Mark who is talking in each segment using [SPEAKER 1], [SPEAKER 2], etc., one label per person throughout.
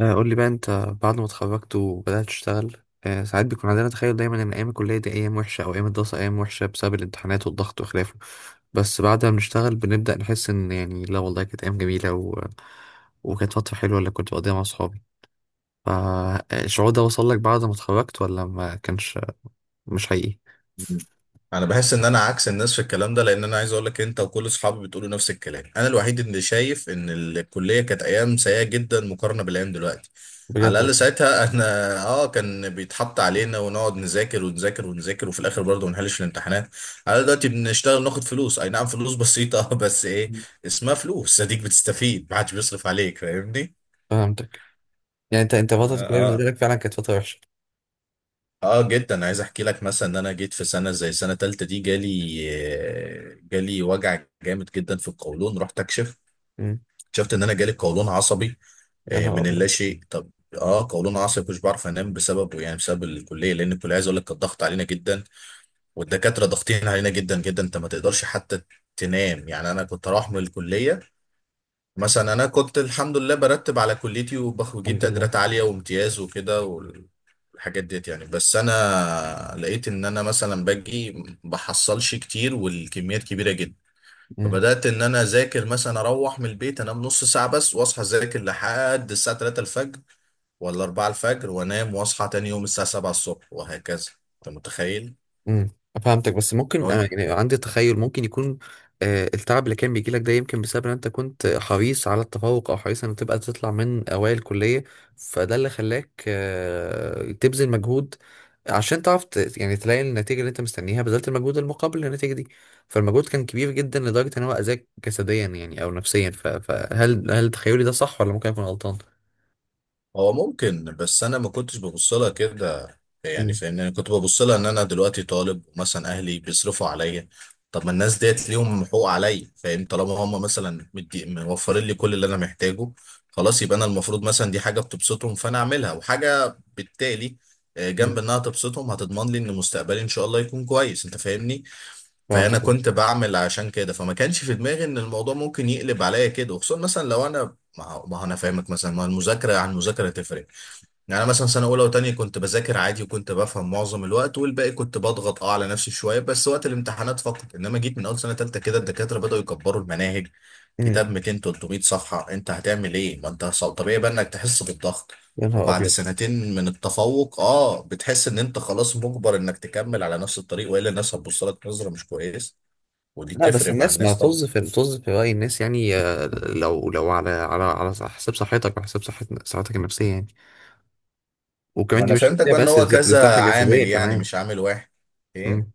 [SPEAKER 1] قول لي بقى انت بعد ما اتخرجت وبدأت تشتغل. ساعات بيكون عندنا تخيل دايما ان ايام الكلية دي ايام وحشة او ايام الدراسة ايام وحشة بسبب الامتحانات والضغط وخلافه. بس بعد ما بنشتغل بنبدأ نحس ان يعني لا والله كانت ايام جميلة و... وكانت فترة حلوة اللي كنت بقضيها مع صحابي. فالشعور ده وصل لك بعد ما اتخرجت ولا ما كانش؟ مش حقيقي.
[SPEAKER 2] انا بحس ان انا عكس الناس في الكلام ده لان انا عايز اقول لك انت وكل اصحابي بتقولوا نفس الكلام. انا الوحيد اللي شايف ان الكليه كانت ايام سيئه جدا مقارنه بالايام دلوقتي. على
[SPEAKER 1] بجد
[SPEAKER 2] الاقل
[SPEAKER 1] والله.
[SPEAKER 2] ساعتها احنا اه، كان بيتحط علينا ونقعد نذاكر ونذاكر ونذاكر، وفي الاخر برضه ما نحلش الامتحانات. على الأقل دلوقتي بنشتغل ناخد فلوس، اي نعم فلوس بسيطه بس ايه،
[SPEAKER 1] مم.
[SPEAKER 2] اسمها فلوس. اديك بتستفيد، ما حدش بيصرف عليك، فاهمني.
[SPEAKER 1] فهمتك. يعني انت
[SPEAKER 2] اه.
[SPEAKER 1] فترة الكلية بالنسبة
[SPEAKER 2] آه.
[SPEAKER 1] لك فعلا كانت فترة وحشة؟
[SPEAKER 2] اه جدا، عايز احكي لك مثلا ان انا جيت في سنه زي سنه تالتة دي جالي. جالي وجع جامد جدا في القولون، رحت اكشف.
[SPEAKER 1] مم.
[SPEAKER 2] اكتشفت ان انا جالي قولون عصبي
[SPEAKER 1] يا نهار
[SPEAKER 2] من
[SPEAKER 1] ابيض.
[SPEAKER 2] اللاشيء. طب اه قولون عصبي مش بعرف انام بسببه، يعني بسبب الكليه، لان الكليه عايز اقول لك كانت ضغط علينا جدا. والدكاتره ضاغطين علينا جدا جدا، انت ما تقدرش حتى تنام. يعني انا كنت اروح من الكليه، مثلا انا كنت الحمد لله برتب على كليتي وبجيب
[SPEAKER 1] الحمد لله.
[SPEAKER 2] تقديرات عاليه وامتياز وكده والحاجات ديت يعني. بس انا لقيت ان انا مثلا باجي بحصلش كتير والكميات كبيره جدا.
[SPEAKER 1] مم.
[SPEAKER 2] فبدات ان انا اذاكر، مثلا اروح من البيت انام نص ساعه بس واصحى اذاكر لحد الساعه 3 الفجر ولا 4 الفجر، وانام واصحى تاني يوم الساعه 7 الصبح وهكذا. انت متخيل؟
[SPEAKER 1] امم. فهمتك، بس ممكن
[SPEAKER 2] لو.
[SPEAKER 1] انا يعني عندي تخيل ممكن يكون التعب اللي كان بيجي لك ده يمكن بسبب ان انت كنت حريص على التفوق او حريص ان تبقى تطلع من اوائل الكليه. فده اللي خلاك تبذل مجهود، عشان تعرف يعني تلاقي النتيجه اللي انت مستنيها، بذلت المجهود المقابل للنتيجه دي. فالمجهود كان كبير جدا لدرجه ان هو اذاك جسديا يعني او نفسيا، فهل تخيلي ده صح ولا ممكن اكون غلطان؟
[SPEAKER 2] هو ممكن، بس انا ما كنتش ببص لها كده. يعني
[SPEAKER 1] امم.
[SPEAKER 2] فاهمني، انا كنت ببص لها ان انا دلوقتي طالب، مثلا اهلي بيصرفوا عليا. طب ما الناس ديت ليهم حقوق عليا، فاهم؟ طالما هم مثلا مدي موفرين لي كل اللي انا محتاجه، خلاص يبقى انا المفروض مثلا دي حاجه بتبسطهم فانا اعملها، وحاجه بالتالي جنب انها تبسطهم هتضمن لي ان مستقبلي ان شاء الله يكون كويس، انت فاهمني. فانا
[SPEAKER 1] فهمتك.
[SPEAKER 2] كنت بعمل عشان كده، فما كانش في دماغي ان الموضوع ممكن يقلب عليا كده. وخصوصا مثلا لو انا ما هو انا فاهمك، مثلا ما هو المذاكره عن المذاكره تفرق. يعني أنا مثلا سنة أولى وتانية كنت بذاكر عادي وكنت بفهم معظم الوقت، والباقي كنت بضغط على نفسي شوية بس وقت الامتحانات فقط. إنما جيت من أول سنة تالتة كده الدكاترة بدأوا يكبروا المناهج.
[SPEAKER 1] امم.
[SPEAKER 2] كتاب 200 300 صفحة أنت هتعمل إيه؟ ما أنت طبيعي بقى إنك تحس بالضغط.
[SPEAKER 1] يا نهار
[SPEAKER 2] وبعد
[SPEAKER 1] ابيض.
[SPEAKER 2] سنتين من التفوق بتحس إن أنت خلاص مجبر إنك تكمل على نفس الطريق، وإلا الناس هتبص لك نظرة مش كويس. ودي
[SPEAKER 1] لا، بس
[SPEAKER 2] بتفرق مع
[SPEAKER 1] الناس ما
[SPEAKER 2] الناس طبعا.
[SPEAKER 1] طز، في طز في رأي الناس يعني. لو على حساب صحتك، وحساب صحتك النفسية يعني.
[SPEAKER 2] ما
[SPEAKER 1] وكمان دي
[SPEAKER 2] أنا
[SPEAKER 1] مش
[SPEAKER 2] فهمتك
[SPEAKER 1] نفسية
[SPEAKER 2] بقى، إن
[SPEAKER 1] بس دي
[SPEAKER 2] هو
[SPEAKER 1] صحة
[SPEAKER 2] كذا
[SPEAKER 1] جسدية
[SPEAKER 2] عامل يعني،
[SPEAKER 1] كمان.
[SPEAKER 2] مش عامل واحد. إيه؟
[SPEAKER 1] مم.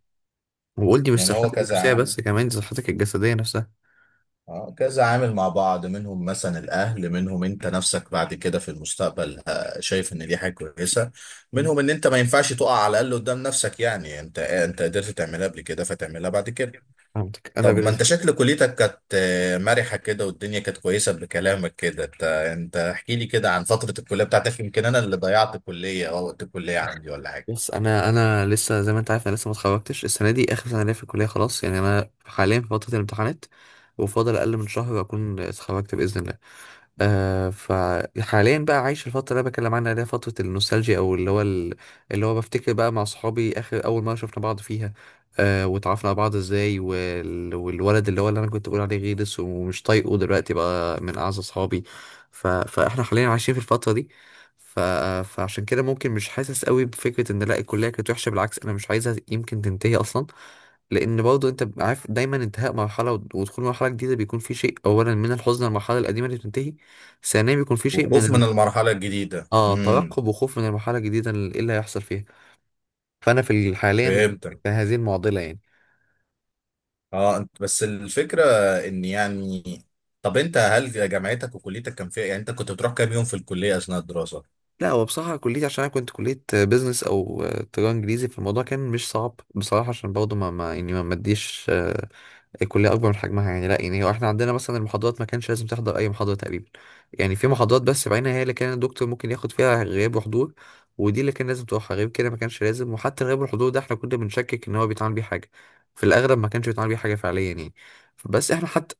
[SPEAKER 1] وقول، دي مش
[SPEAKER 2] يعني هو
[SPEAKER 1] صحتك
[SPEAKER 2] كذا
[SPEAKER 1] النفسية
[SPEAKER 2] عامل.
[SPEAKER 1] بس كمان دي صحتك الجسدية نفسها.
[SPEAKER 2] اه كذا عامل مع بعض. منهم مثلا الاهل، منهم انت نفسك بعد كده في المستقبل شايف ان دي حاجه كويسه.
[SPEAKER 1] مم.
[SPEAKER 2] منهم ان انت ما ينفعش تقع على الاقل قدام نفسك، يعني انت انت قدرت تعملها قبل كده فتعملها بعد كده.
[SPEAKER 1] فهمتك. أنا
[SPEAKER 2] طب ما انت
[SPEAKER 1] بالنسبة.
[SPEAKER 2] شكل كليتك كانت مرحه كده والدنيا كانت كويسه بكلامك كده. انت انت احكي لي كده عن فتره الكليه بتاعتك، يمكن انا اللي ضيعت الكليه او وقت الكليه عندي ولا حاجه.
[SPEAKER 1] بص، انا لسه زي ما انت عارف، انا لسه ما اتخرجتش، السنه دي اخر سنه ليا في الكليه، خلاص يعني انا حاليا في فتره الامتحانات. وفاضل اقل من شهر اكون اتخرجت باذن الله. فحاليا بقى عايش الفتره اللي انا بكلم عنها، اللي هي فتره النوستالجيا، او اللي هو بفتكر بقى مع صحابي اخر اول مره شفنا بعض فيها. واتعرفنا على بعض ازاي، وال... والولد اللي هو اللي انا كنت بقول عليه غيرس ومش طايقه، دلوقتي بقى من اعز اصحابي. ف... فاحنا حاليا عايشين في الفتره دي. ف... فعشان كده ممكن مش حاسس قوي بفكرة ان لا الكلية كانت وحشة، بالعكس انا مش عايزها يمكن تنتهي اصلا. لان برضه انت بيبقى عارف دايما انتهاء مرحلة ود- ودخول مرحلة جديدة بيكون في شيء، اولا من الحزن للمرحلة القديمة اللي بتنتهي، ثانيا بيكون في شيء من
[SPEAKER 2] وخوف
[SPEAKER 1] ال...
[SPEAKER 2] من المرحله الجديده.
[SPEAKER 1] اه
[SPEAKER 2] امم.
[SPEAKER 1] ترقب وخوف من المرحلة الجديدة اللي هيحصل فيها. فانا في حاليا
[SPEAKER 2] فهمتك.
[SPEAKER 1] في هذه المعضلة يعني.
[SPEAKER 2] اه أنت، بس الفكرة ان يعني، طب انت هل جامعتك وكليتك كان فيها، يعني انت كنت بتروح كام يوم في الكلية اثناء الدراسة؟
[SPEAKER 1] لا، هو بصراحة كليتي، عشان أنا كنت كلية بيزنس أو تجارة إنجليزي، فالموضوع كان مش صعب بصراحة، عشان برضه ما يعني ما مديش الكليه اكبر من حجمها، يعني لا، يعني هو احنا عندنا مثلا المحاضرات ما كانش لازم تحضر اي محاضره تقريبا. يعني في محاضرات بس بعينها هي اللي كان الدكتور ممكن ياخد فيها غياب وحضور. ودي اللي كان لازم تروحها، غير كده ما كانش لازم، وحتى الغياب والحضور ده احنا كنا بنشكك ان هو بيتعامل بيه حاجه، في الاغلب ما كانش بيتعامل بيه حاجه فعليا يعني. بس احنا حتى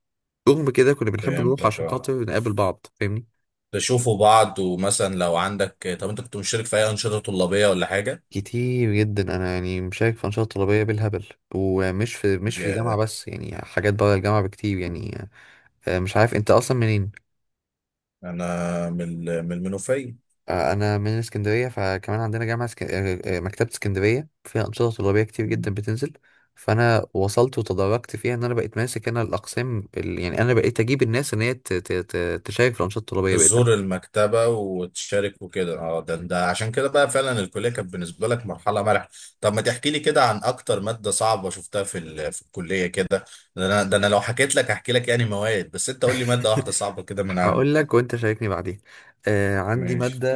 [SPEAKER 1] رغم كده كنا بنحب نروح
[SPEAKER 2] فهمتك
[SPEAKER 1] عشان
[SPEAKER 2] اه.
[SPEAKER 1] خاطر نقابل بعض، فاهمني.
[SPEAKER 2] تشوفوا بعض. ومثلا لو عندك، طب انت كنت مشترك في اي انشطة طلابية ولا حاجة؟
[SPEAKER 1] كتير جدا، انا يعني مشارك في انشطه طلابيه بالهبل. ومش في مش في الجامعه
[SPEAKER 2] يا.
[SPEAKER 1] بس، يعني حاجات بره الجامعه بكتير يعني. مش عارف انت اصلا منين.
[SPEAKER 2] انا من من المنوفية.
[SPEAKER 1] انا من اسكندريه، فكمان عندنا جامعه سك... آه، آه، مكتبه اسكندريه فيها انشطه طلابيه كتير جدا بتنزل. فانا وصلت وتدرجت فيها ان انا بقيت ماسك انا الاقسام يعني انا بقيت اجيب الناس ان هي تشارك في الانشطه الطلابيه بقيت.
[SPEAKER 2] تزور المكتبة وتشارك وكده. اه، ده ده عشان كده بقى فعلا الكلية كانت بالنسبة لك مرحلة مرحلة. طب ما تحكي لي كده عن أكتر مادة صعبة شفتها في الكلية كده. ده أنا، ده أنا لو حكيت لك هحكي لك يعني مواد. بس أنت قول لي مادة واحدة صعبة كده من
[SPEAKER 1] هقول
[SPEAKER 2] عندك.
[SPEAKER 1] لك وانت شاركني بعدين. عندي
[SPEAKER 2] ماشي.
[SPEAKER 1] ماده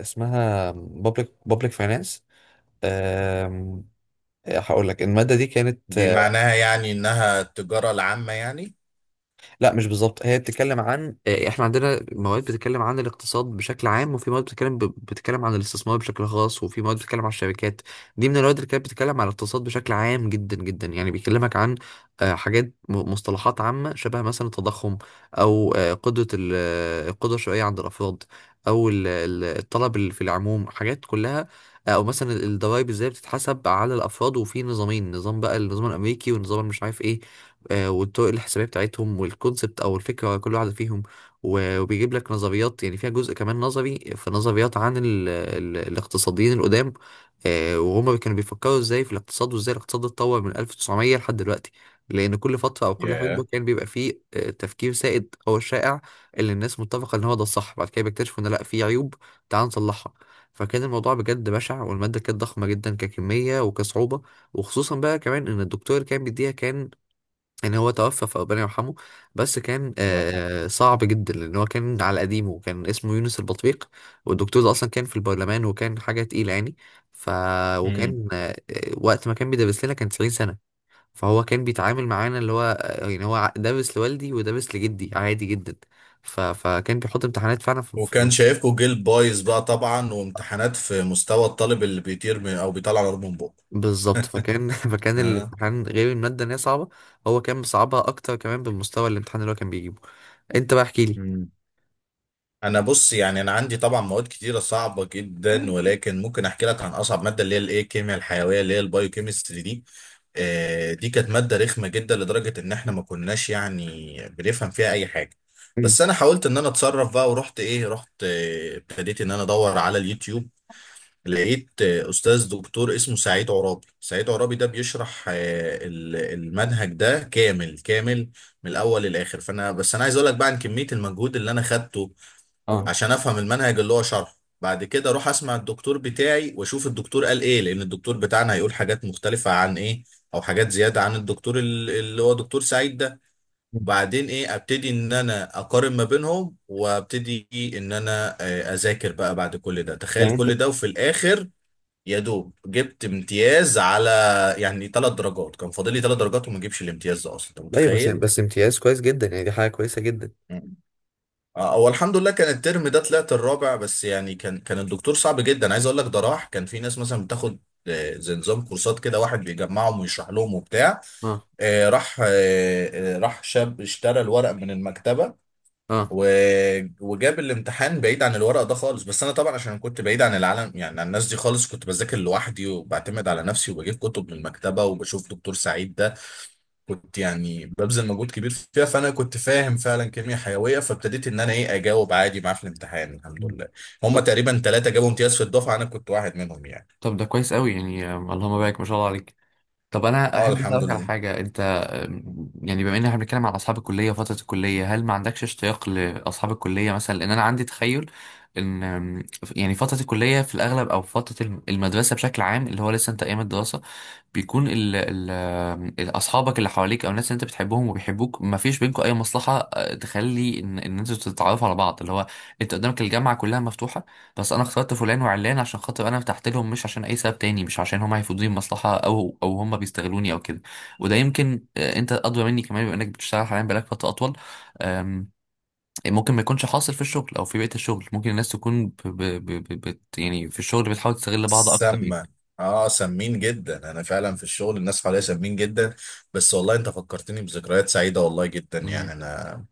[SPEAKER 1] اسمها public finance. آم، هقول لك الماده دي كانت.
[SPEAKER 2] دي معناها يعني إنها التجارة العامة يعني؟
[SPEAKER 1] لا، مش بالظبط، هي بتتكلم عن احنا عندنا مواد بتتكلم عن الاقتصاد بشكل عام، وفي مواد بتتكلم بتتكلم عن الاستثمار بشكل خاص، وفي مواد بتتكلم عن الشركات. دي من المواد اللي كانت بتتكلم عن الاقتصاد بشكل عام جدا جدا، يعني بيكلمك عن حاجات مصطلحات عامة شبه مثلا التضخم، او آه، قدرة ال- آه، القدرة الشرائية عند الافراد، او الطلب في العموم، حاجات كلها. او مثلا الضرايب ازاي بتتحسب على الافراد، وفي نظامين، نظام بقى النظام الامريكي، والنظام مش عارف ايه. والطرق الحسابية بتاعتهم، والكونسبت أو الفكرة ورا كل واحدة فيهم. و- وبيجيب لك نظريات، يعني فيها جزء كمان نظري، في نظريات عن ال الاقتصاديين القدام. وهما كانوا بيفكروا ازاي في الاقتصاد، وازاي الاقتصاد اتطور من 1900 لحد دلوقتي. لأن كل فترة أو كل حقبة
[SPEAKER 2] ياه.
[SPEAKER 1] كان بيبقى فيه تفكير سائد أو شائع، اللي الناس متفقة إن هو ده الصح، بعد كده بيكتشفوا إن لأ، في عيوب. تعال نصلحها. فكان الموضوع بجد بشع، والمادة كانت ضخمة جدا ككمية وكصعوبة. وخصوصا بقى كمان إن الدكتور اللي كان بيديها كان، يعني هو توفى فربنا يرحمه. بس كان
[SPEAKER 2] الله يرحمه.
[SPEAKER 1] صعب جدا، لان هو كان على قديمه، وكان اسمه يونس البطريق. والدكتور ده اصلا كان في البرلمان، وكان حاجه تقيله يعني. ف
[SPEAKER 2] امم.
[SPEAKER 1] وكان وقت ما كان بيدرس لنا، كان 90 سنه. فهو كان بيتعامل معانا اللي هو يعني هو درس لوالدي ودرس لجدي عادي جدا. ف... فكان بيحط امتحانات فعلا
[SPEAKER 2] وكان شايفكوا جيل بايظ بقى طبعا، وامتحانات في مستوى الطالب اللي بيطير من أو بيطلع نار من بقه.
[SPEAKER 1] بالظبط، فكان فكان الامتحان غير الماده ان هي صعبه، هو كان مصعبها اكتر كمان بالمستوى الامتحان اللي هو كان بيجيبه. انت بقى احكي
[SPEAKER 2] ها. انا بص، يعني انا عندي طبعا مواد كتيره صعبه جدا، ولكن ممكن احكي لك عن اصعب ماده اللي هي الايه، الكيمياء الحيويه اللي هي البايو كيمستري دي. دي كانت ماده رخمه جدا لدرجه ان احنا ما كناش يعني بنفهم فيها اي حاجه.
[SPEAKER 1] لي.
[SPEAKER 2] بس انا حاولت ان انا اتصرف بقى ورحت ايه، رحت ابتديت ان انا ادور على اليوتيوب. لقيت استاذ دكتور اسمه سعيد عرابي. سعيد عرابي ده بيشرح المنهج ده كامل كامل، من الاول للاخر. فانا، بس انا عايز اقول لك بقى عن كميه المجهود اللي انا خدته عشان افهم المنهج اللي هو شرحه، بعد كده اروح اسمع الدكتور بتاعي واشوف الدكتور قال ايه، لان الدكتور بتاعنا هيقول حاجات مختلفة عن ايه، او حاجات زيادة عن الدكتور اللي هو دكتور سعيد ده. وبعدين ايه، ابتدي ان انا اقارن ما بينهم، وابتدي ان انا اذاكر بقى بعد كل ده. تخيل كل ده وفي الاخر يا دوب جبت امتياز. على يعني ثلاث درجات كان فاضل لي ثلاث درجات وما اجيبش الامتياز ده اصلا، انت
[SPEAKER 1] بس
[SPEAKER 2] متخيل؟
[SPEAKER 1] بس امتياز كويس جدا، يعني دي حاجة كويسة جدا.
[SPEAKER 2] هو الحمد لله كان الترم ده طلعت الرابع، بس يعني كان كان الدكتور صعب جدا. عايز اقول لك ده، راح كان في ناس مثلا بتاخد زي نظام كورسات كده، واحد بيجمعهم ويشرح لهم وبتاع. آه، راح آه، آه، راح شاب اشترى الورق من المكتبة وجاب الامتحان بعيد عن الورق ده خالص. بس انا طبعا عشان كنت بعيد عن العالم، يعني عن الناس دي خالص، كنت بذاكر لوحدي وبعتمد على نفسي وبجيب كتب من المكتبة وبشوف دكتور سعيد ده. كنت يعني ببذل مجهود كبير فيها، فانا كنت فاهم فعلا كيمياء حيويه، فابتديت ان انا ايه اجاوب عادي معاه في الامتحان الحمد لله. هم تقريبا ثلاثه جابوا امتياز في الدفعه، انا كنت واحد منهم يعني.
[SPEAKER 1] طب ده كويس قوي يعني. اللهم بارك ما شاء الله عليك. طب انا
[SPEAKER 2] اه
[SPEAKER 1] احب
[SPEAKER 2] الحمد
[SPEAKER 1] اسالك على
[SPEAKER 2] لله.
[SPEAKER 1] حاجه، انت يعني، بما ان احنا بنتكلم على اصحاب الكليه وفتره الكليه، هل ما عندكش اشتياق لاصحاب الكليه مثلا؟ لان انا عندي تخيل ان يعني فتره الكليه في الاغلب، او فتره المدرسه بشكل عام، اللي هو لسه انت ايام الدراسه، بيكون اصحابك اللي حواليك او الناس اللي انت بتحبهم وبيحبوك، ما فيش بينكم اي مصلحه تخلي ان انتوا تتعرفوا على بعض، اللي هو انت قدامك الجامعه كلها مفتوحه. بس انا اخترت فلان وعلان عشان خاطر انا ارتحت لهم، مش عشان اي سبب تاني، مش عشان هم هيفيدوني بمصلحه او هم بيستغلوني او كده. وده يمكن انت ادرى مني كمان بما انك بتشتغل حاليا بقالك فتره اطول. آم، ممكن ما يكونش حاصل في الشغل او في بيئه الشغل، ممكن الناس تكون يعني في الشغل بتحاول تستغل بعض اكتر يعني.
[SPEAKER 2] سامة. اه سمين جدا، انا فعلا في الشغل الناس حواليا سمين جدا. بس والله انت فكرتني بذكريات سعيده والله جدا، يعني
[SPEAKER 1] مم.
[SPEAKER 2] انا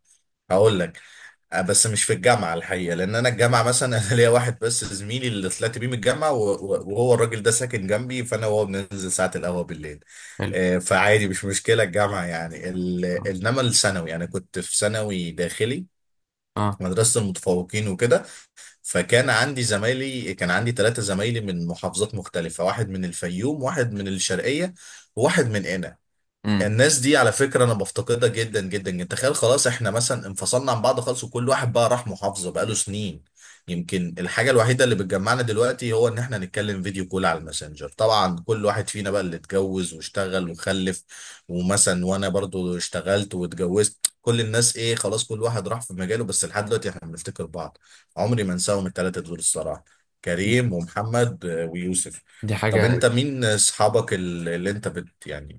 [SPEAKER 2] هقول لك بس مش في الجامعة الحقيقة، لأن أنا الجامعة مثلا أنا ليا واحد بس زميلي اللي طلعت بيه من الجامعة وهو الراجل ده ساكن جنبي، فأنا وهو بننزل ساعة القهوة بالليل.
[SPEAKER 1] حلو.
[SPEAKER 2] فعادي مش مشكلة الجامعة يعني إنما الثانوي أنا كنت في ثانوي داخلي،
[SPEAKER 1] اه.
[SPEAKER 2] مدرسة المتفوقين وكده. فكان عندي زمايلي، كان عندي ثلاثة زمايلي من محافظات مختلفة، واحد من الفيوم واحد من الشرقية وواحد من هنا.
[SPEAKER 1] امم.
[SPEAKER 2] الناس دي على فكرة أنا بفتقدها جدا جدا جدا. تخيل خلاص إحنا مثلا انفصلنا عن بعض خالص، وكل واحد بقى راح محافظة بقاله سنين. يمكن الحاجة الوحيدة اللي بتجمعنا دلوقتي هو إن إحنا نتكلم فيديو كول على الماسنجر، طبعا كل واحد فينا بقى اللي اتجوز واشتغل وخلف. ومثلا وأنا برضو اشتغلت واتجوزت، كل الناس إيه خلاص، كل واحد راح في مجاله، بس لحد دلوقتي إحنا بنفتكر بعض. عمري ما أنساهم التلاتة دول الصراحة، كريم ومحمد ويوسف.
[SPEAKER 1] دي
[SPEAKER 2] طب
[SPEAKER 1] حاجة.
[SPEAKER 2] انت مين اصحابك اللي انت بت يعني،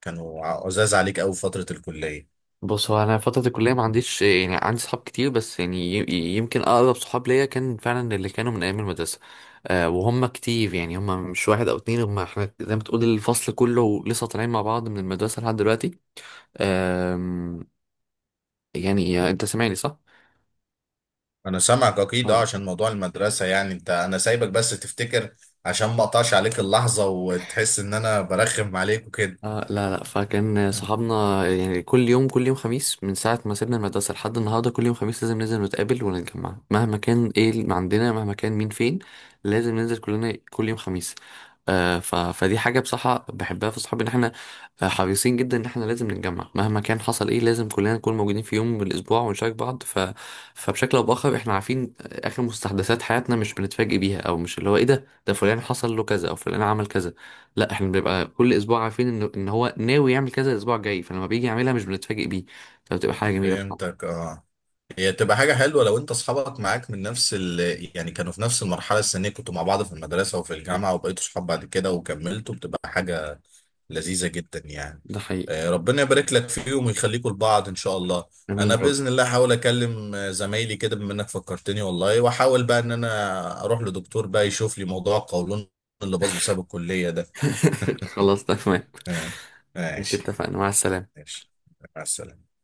[SPEAKER 2] كانوا عزاز عليك قوي في فترة الكلية؟
[SPEAKER 1] بص، هو انا فتره الكليه ما عنديش، يعني عندي صحاب كتير، بس يعني يمكن اقرب صحاب ليا كان فعلا اللي كانوا من ايام المدرسه. وهم كتير، يعني هم مش واحد او اتنين، هم احنا زي ما تقول الفصل كله لسه طالعين مع بعض من المدرسه لحد دلوقتي. أم، يعني انت سامعني صح؟
[SPEAKER 2] انا سامعك اكيد اه، عشان موضوع المدرسة يعني انت. انا سايبك بس تفتكر، عشان ما اقطعش عليك اللحظة وتحس ان انا برخم عليك وكده.
[SPEAKER 1] لا لا، فكان صحابنا يعني كل يوم خميس من ساعة ما سيبنا المدرسة لحد النهاردة، كل يوم خميس لازم ننزل نتقابل ونتجمع، مهما كان ايه اللي عندنا، مهما كان مين فين. لازم ننزل كلنا كل يوم خميس. آه ف... فدي حاجة بصراحة بحبها في صحابي، ان احنا حريصين جدا ان احنا لازم نتجمع، مهما كان حصل ايه لازم كلنا نكون موجودين في يوم من الاسبوع ونشارك بعض، ف... فبشكل او باخر احنا عارفين اخر مستحدثات حياتنا، مش بنتفاجئ بيها، او مش اللي هو ايه ده فلان حصل له كذا او فلان عمل كذا. لا، احنا بنبقى كل اسبوع عارفين ان هو ناوي يعمل كذا الاسبوع الجاي، فلما بيجي يعملها مش بنتفاجئ بيه، فبتبقى حاجه جميله بصراحه.
[SPEAKER 2] فهمتك اه. هي تبقى حاجة حلوة لو انت اصحابك معاك من نفس ال، يعني كانوا في نفس المرحلة السنية، كنتوا مع بعض في المدرسة وفي الجامعة وبقيتوا صحاب بعد كده وكملتوا، بتبقى حاجة لذيذة جدا يعني.
[SPEAKER 1] ده حقيقي.
[SPEAKER 2] ربنا يبارك لك فيهم ويخليكوا لبعض ان شاء الله.
[SPEAKER 1] امين
[SPEAKER 2] انا
[SPEAKER 1] يا رب.
[SPEAKER 2] بإذن الله هحاول اكلم زمايلي كده بما انك فكرتني والله، واحاول بقى ان انا اروح لدكتور بقى يشوف لي موضوع القولون اللي باظ بسبب الكلية ده.
[SPEAKER 1] خلاص تمام.
[SPEAKER 2] آه،
[SPEAKER 1] ماشي،
[SPEAKER 2] ماشي.
[SPEAKER 1] اتفقنا. مع السلامه.
[SPEAKER 2] ماشي، مع السلامة.